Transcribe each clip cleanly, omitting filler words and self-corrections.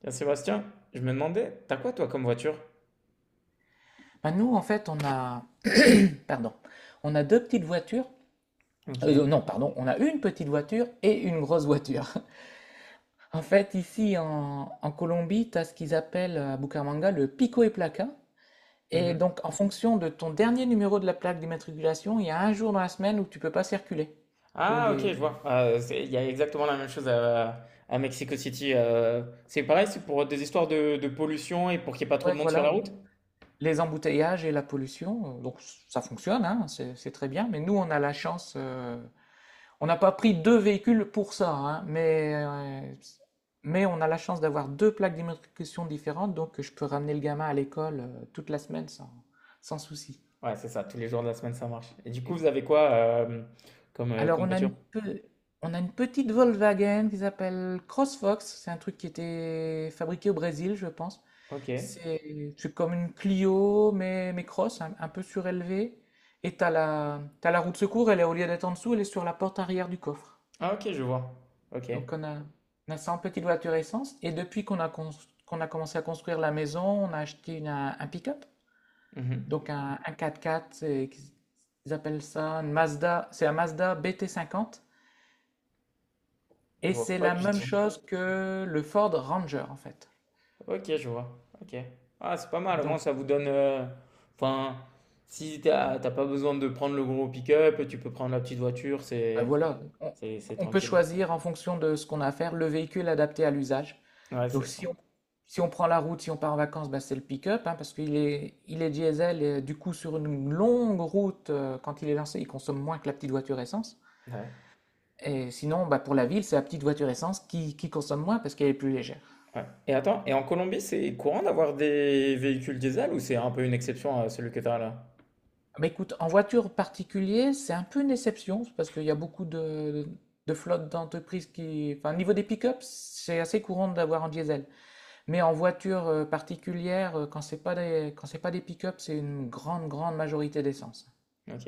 Tiens, Sébastien, je me demandais, t'as quoi toi comme voiture? Nous, en fait, pardon, on a deux petites voitures. Ok. Non, pardon, on a une petite voiture et une grosse voiture. En fait, ici en Colombie, tu as ce qu'ils appellent à Bucaramanga le pico et placa. Et Mhm. donc, en fonction de ton dernier numéro de la plaque d'immatriculation, il y a un jour dans la semaine où tu peux pas circuler pour Ah ok, des, je vois. Il y a exactement la même chose à Mexico City. C'est pareil, c'est pour des histoires de pollution et pour qu'il n'y ait pas trop ouais, de monde sur voilà, la route? les embouteillages et la pollution. Donc, ça fonctionne, hein, c'est très bien. Mais nous, on a la chance, on n'a pas pris deux véhicules pour ça, hein, mais on a la chance d'avoir deux plaques d'immatriculation différentes, donc je peux ramener le gamin à l'école toute la semaine sans souci. Ouais, c'est ça, tous les jours de la semaine ça marche. Et du coup, vous Et- avez quoi comme, alors comme on a voiture? On a une petite Volkswagen qui s'appelle CrossFox, c'est un truc qui était fabriqué au Brésil, je pense. Ok. C'est comme une Clio, mais cross, un peu surélevée. Et t'as la roue de secours, elle est au lieu d'être en dessous, elle est sur la porte arrière du coffre. Ah ok, je vois. Ok. Donc on a, on a 100 petites voitures essence et depuis qu'on a commencé à construire la maison, on a acheté un pick-up, Mhm. donc un quatre x ils appellent ça une Mazda, c'est un Mazda BT50 Je et vois c'est pas la du même tout. chose que le Ford Ranger en fait. Ok, je vois. Ok. Ah, c'est pas mal. Au moins, Donc ça vous donne. Enfin, si t'as pas besoin de prendre le gros pick-up, tu peux prendre la petite voiture. Ben C'est voilà, c'est c'est on peut tranquille. choisir en fonction de ce qu'on a à faire, le véhicule adapté à l'usage. Ouais, c'est Donc si ça. on, Si on prend la route, si on part en vacances, ben c'est le pick-up, hein, parce il est diesel, et du coup sur une longue route, quand il est lancé, il consomme moins que la petite voiture essence. Ouais. Et sinon, bah, pour la ville, c'est la petite voiture essence qui consomme moins parce qu'elle est plus légère. Ouais. Et attends, et en Colombie, c'est courant d'avoir des véhicules diesel ou c'est un peu une exception à celui que t'as là? Mais écoute, en voiture particulier, c'est un peu une déception parce qu'il y a de flottes d'entreprises qui. Enfin, au niveau des pick-ups, c'est assez courant d'avoir en diesel. Mais en voiture particulière, quand c'est pas des, quand c'est pas des pick-up, c'est une grande majorité d'essence. OK.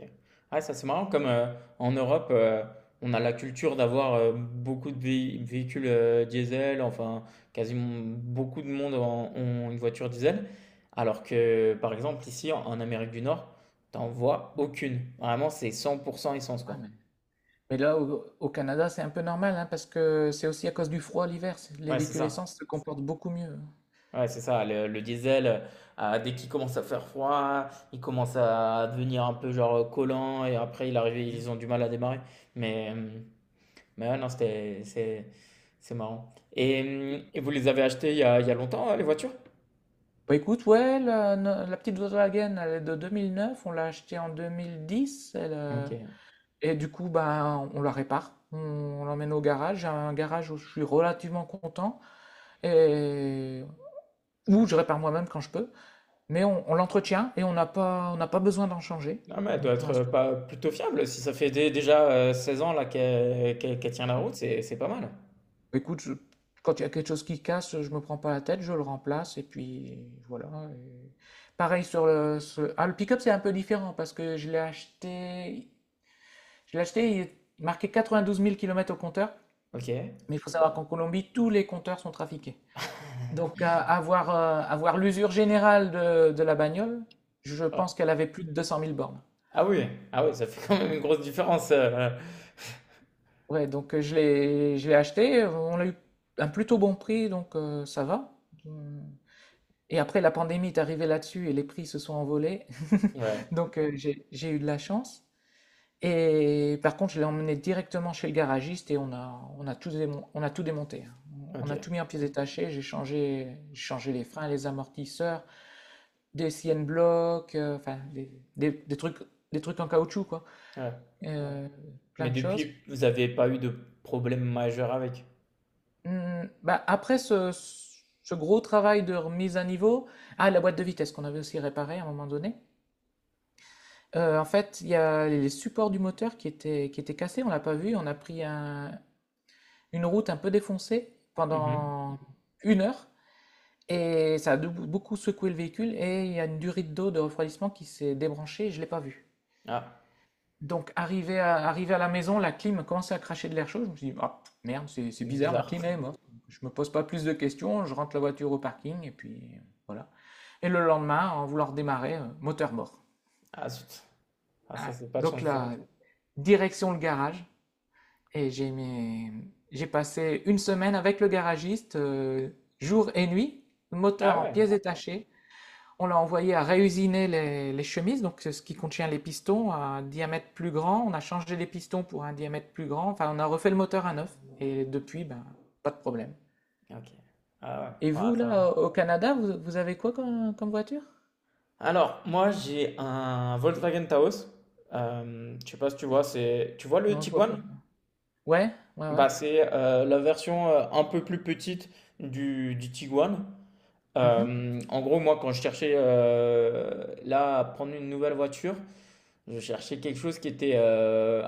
Ouais, ça c'est marrant comme en Europe, on a la culture d'avoir beaucoup de véhicules diesel, enfin quasiment beaucoup de ont une voiture diesel, alors que par exemple ici en, en Amérique du Nord, t'en vois aucune. Vraiment, c'est 100% essence Ouais, quoi. mais, mais là, au Canada, c'est un peu normal, hein, parce que c'est aussi à cause du froid l'hiver. Les Ouais, c'est véhicules ça. essence se comportent beaucoup mieux. Ouais, c'est ça. Le diesel, ah, dès qu'il commence à faire froid, il commence à devenir un peu genre collant et après il arrive, Mm. ils ont du mal à démarrer. Mais euh, non, c'était, c'est marrant. Et vous les avez achetées il y a longtemps, hein, les voitures? Bah écoute, ouais, la, no- la petite Volkswagen, elle est de 2009, on l'a achetée en 2010, Ok. Et du coup, ben, on la répare, on l'emmène au garage. J'ai un garage où je suis relativement content, et où je répare moi-même quand je peux. Mais on l'entretient et on n'a pas besoin d'en changer. Non, mais elle doit Donc pour être l'instant, pas plutôt fiable. Si ça fait déjà 16 ans là qu'elle tient la ouais. route, c'est pas mal. Écoute, je- Quand il y a quelque chose qui casse, je me prends pas la tête, je le remplace et puis voilà. et- Pareil sur le pick-up, c'est un peu différent parce que je l'ai acheté, il est marqué 92 000 km au compteur, Ok. Ouais. mais il faut savoir qu'en Colombie, tous les compteurs sont trafiqués. Avoir l'usure générale de la bagnole, je pense qu'elle avait plus de 200 000 bornes. Ah oui, ah oui, ça fait quand même une grosse différence. Ouais, donc je l'ai acheté, on l'a eu un plutôt bon prix, donc ça va. Hum. Et après, la pandémie est arrivée là-dessus et les prix se sont envolés. Ouais. Donc j'ai eu de la chance. Et par contre, je l'ai emmené directement chez le garagiste et on a on a tout démonté, hein. On a Ok. tout mis en pièces détachées, j'ai changé les freins, les amortisseurs, des siennes blocs, des- des trucs, des trucs en caoutchouc, quoi. Ouais. Euh, Plein Mais de choses. depuis, vous avez pas eu de problème majeur avec. Mmh, bah, après ce, ce gros travail de remise à niveau, ah, la boîte de vitesse qu'on avait aussi réparée à un moment donné, en fait, il y a les supports du moteur qui étaient cassés, on l'a pas vu, on a pris une route un peu défoncée Mhm. pendant une heure et ça a beaucoup secoué le véhicule et il y a une durite d'eau de refroidissement qui s'est débranchée et je l'ai pas vu. Ah, Donc, arrivé à la maison, la clim commençait à cracher de l'air chaud. Je me suis dit, ah, merde, c'est bizarre, ma bizarre. clim est morte. Je me pose pas plus de questions, je rentre la voiture au parking et puis voilà. Et le lendemain, en voulant redémarrer, moteur mort. Ah zut. Ah ça Ah, c'est pas de donc chance ça. là, direction le garage et j'ai passé une semaine avec le garagiste, jour et nuit, moteur Ah en ouais. pièces détachées. On l'a envoyé à réusiner les chemises, donc ce qui contient les pistons, à un diamètre plus grand. On a changé les pistons pour un diamètre plus grand. Enfin, on a refait le moteur à neuf. Et depuis, ben, pas de problème. Ok. Ah ouais. Et Ouais, vous, ça va. là, au Canada, vous avez quoi comme voiture? Alors, moi, j'ai un Volkswagen Taos. Je sais pas si tu vois, c'est, tu vois le Non, je vois Tiguan? pas. Ouais, ouais, ouais. Bah, c'est la version un peu plus petite du Tiguan. Mhm, En gros, moi, quand je cherchais là à prendre une nouvelle voiture, je cherchais quelque chose qui était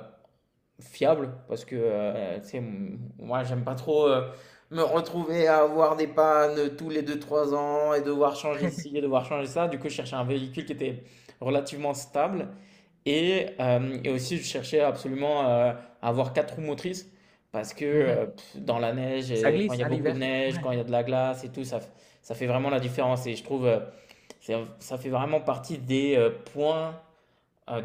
fiable, parce que, tu sais, m moi, j'aime pas trop, me retrouver à avoir des pannes tous les deux trois ans et devoir changer ci et devoir changer ça. Du coup, je cherchais un véhicule qui était relativement stable et hem et aussi je cherchais absolument, à avoir 4 roues motrices parce que, mhm. Dans la neige Ça et quand il y glisse, a hein, beaucoup de l'hiver. neige, Ouais. quand il y a de la glace et tout, ça fait vraiment la différence et je trouve, c'est ça fait vraiment partie des, points euh,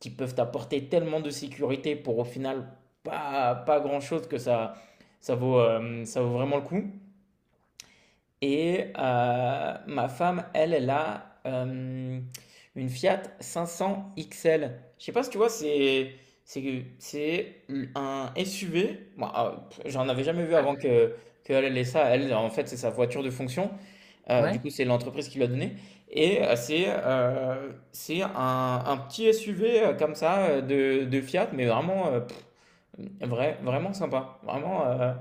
qui peuvent t'apporter tellement de sécurité pour au final pas, pas grand-chose que ça vaut vraiment le coup. Et ma femme, elle, elle a une Fiat 500 XL. Je sais pas si tu vois, c'est c'est un SUV. Moi, ah, j'en avais jamais vu Ah, avant que qu'elle ait ça. Elle, en fait, c'est sa voiture de fonction. Du Ouais, coup, c'est l'entreprise qui lui a donné et c'est un petit SUV, comme ça, de Fiat, mais vraiment, vraiment sympa. Vraiment,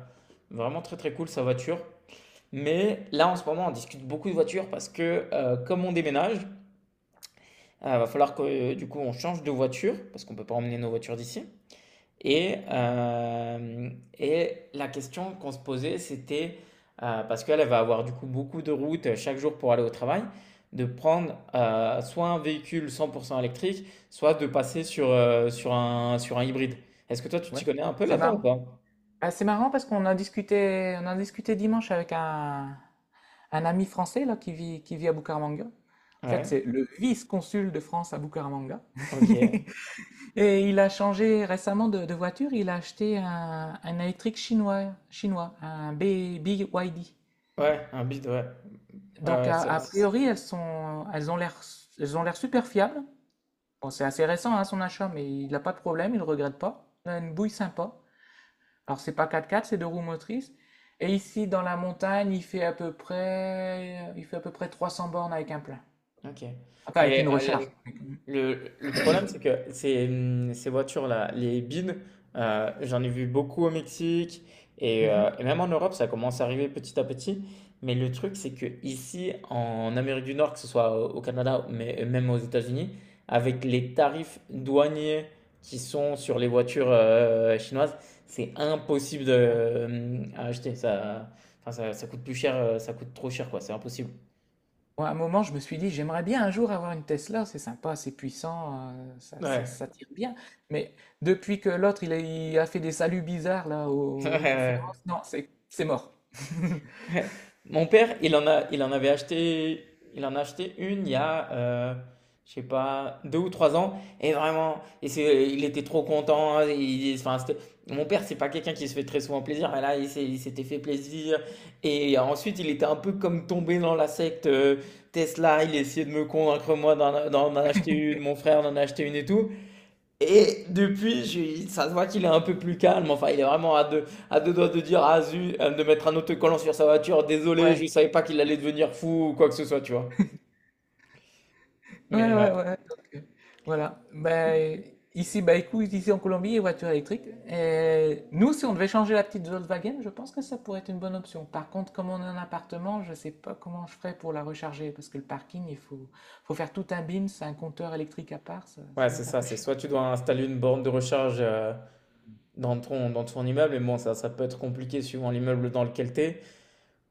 vraiment très, très cool sa voiture. Mais là, en ce moment, on discute beaucoup de voitures parce que, comme on déménage, va falloir que, du coup, on change de c'est voiture parce qu'on ne peut pas emmener nos voitures d'ici et, euh, et la question qu'on se posait, c'était, parce qu'elle elle va avoir du coup beaucoup de routes chaque jour pour aller au travail, de prendre soit un véhicule 100% électrique, soit de passer sur, sur un hybride. Est-ce que toi, tu t'y ouais. connais un peu C'est là-dedans ou marrant. pas? Ah, c'est marrant parce on a discuté dimanche avec un ami français là, qui vit à Bucaramanga. En fait, Ouais, c'est le vice-consul de France à Bucaramanga. ok. Et il a changé récemment de voiture. Il a acheté un électrique chinois, un BYD. Ouais, un bide, ouais. Ouais, Donc, ouais, a priori, elles ont l'air super fiables. Bon, c'est assez récent, hein, son achat, mais il n'a pas de problème, il ne regrette pas. Il a une bouille sympa. Alors, c'est pas 4x4, c'est deux roues motrices. Et ici, dans la montagne, il fait à peu près 300 bornes avec un plein. ok. Enfin, avec Mais une euh, recharge. Le problème, c'est que ces, ces voitures-là, les bins, j'en ai vu beaucoup au Mexique Mhm. Et même en Europe, ça commence à arriver petit à petit. Mais le truc, c'est que ici, en Amérique du Nord, que ce soit au Canada, mais même aux États-Unis, avec les tarifs douaniers qui sont sur les voitures chinoises, c'est impossible Ouais. de, à acheter. Enfin, ça coûte plus cher, ça coûte trop cher, quoi. C'est impossible. Moi, à un moment, je me suis dit, j'aimerais bien un jour avoir une Tesla, c'est sympa, c'est puissant, Ouais. ça tire bien. Mais depuis que l'autre, il a fait des saluts bizarres là Ouais, ouais, aux ouais. conférences, non, c'est mort. Ouais. Mon père, il en avait acheté, il en a acheté une il y a, je sais pas, deux ou trois ans. Et vraiment, il était trop content. Enfin, mon père, c'est pas quelqu'un qui se fait très souvent plaisir. Mais là, il s'était fait plaisir. Et ensuite, il était un peu comme tombé dans la secte Tesla. Il essayait de me convaincre, moi, d'en acheter une, mon frère d'en acheter une et tout. Et depuis, ça se voit qu'il est un peu plus calme. Enfin, il est vraiment à deux doigts de dire, ah zut, de mettre un autocollant sur sa voiture. Désolé, Ouais. je savais pas qu'il allait devenir fou ou quoi que ce soit, tu vois. Ouais, Mais ouais, ouais, ouais. Voilà. Bah écoute, ici en Colombie, les voitures électriques. Et nous, si on devait changer la petite Volkswagen, je pense que ça pourrait être une bonne option. Par contre, comme on est en appartement, je ne sais pas comment je ferais pour la recharger, parce que le parking, faut faire tout un BIMS, un compteur électrique à part, ça ouais, va c'est être un ça. peu C'est chiant. soit tu dois installer une borne de recharge dans ton immeuble, et bon, ça peut être compliqué suivant l'immeuble dans lequel tu.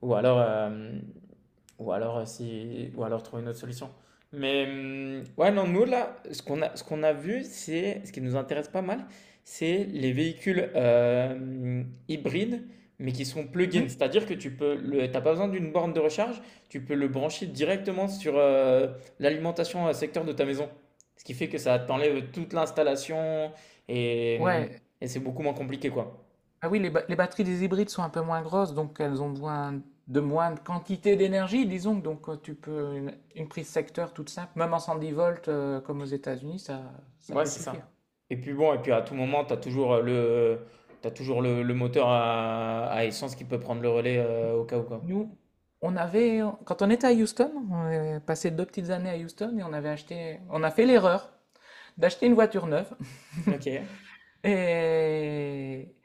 Ou alors, euh, ou alors, si, ou alors trouver une autre solution. Mais ouais, non, nous là, ce qu'on a vu, c'est ce qui nous intéresse pas mal, c'est les véhicules hybrides, mais qui sont plug-in. Mhm. C'est-à-dire que tu peux, le, t'as pas besoin d'une borne de recharge, tu peux le brancher directement sur l'alimentation secteur de ta maison. Ce qui fait que ça t'enlève toute l'installation et, hum, Ouais, et c'est beaucoup moins compliqué, quoi. ah oui, les batteries des hybrides sont un peu moins grosses, donc elles ont besoin de moins de quantité d'énergie, disons. Donc tu peux une prise secteur toute simple, même en 110 volts comme aux États-Unis, ça Ouais, peut c'est suffire. ça. Et puis bon, et puis à tout moment, tu as toujours t'as toujours le moteur à essence qui peut prendre le relais au cas où quoi. Nous, quand on était à Houston, on est passé deux petites années à Houston et on a fait l'erreur d'acheter une voiture neuve. Ok, Et,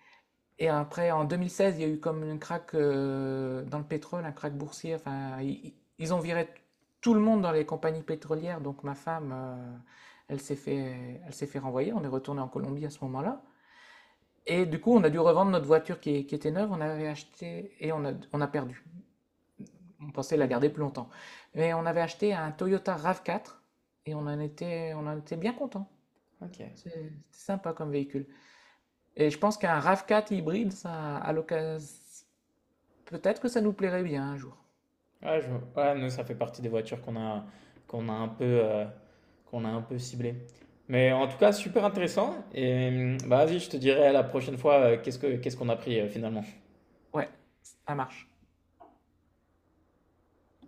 Et après, en 2016, il y a eu comme un crack dans le pétrole, un crack boursier. Ils ont tout le monde dans les compagnies pétrolières. Donc ma femme, elle s'est fait renvoyer. On est retourné en Colombie à ce moment-là. Et du coup, on a dû revendre notre voiture qui était neuve. On avait acheté et on a perdu. On pensait la ok, garder plus longtemps. Mais on avait acheté un Toyota RAV4 et on en était bien content. ok. C'était sympa comme véhicule. Et je pense qu'un RAV4 hybride, ça, à l'occasion, peut-être que ça nous plairait bien un jour. Ouais, je, ouais, nous, ça fait partie des voitures qu'on a, qu'on a un peu, qu'on a un peu ciblées. Mais en tout cas, super intéressant. Et bah, vas-y, je te dirai la prochaine fois qu'est-ce qu'on a pris finalement. Ouais, ça marche.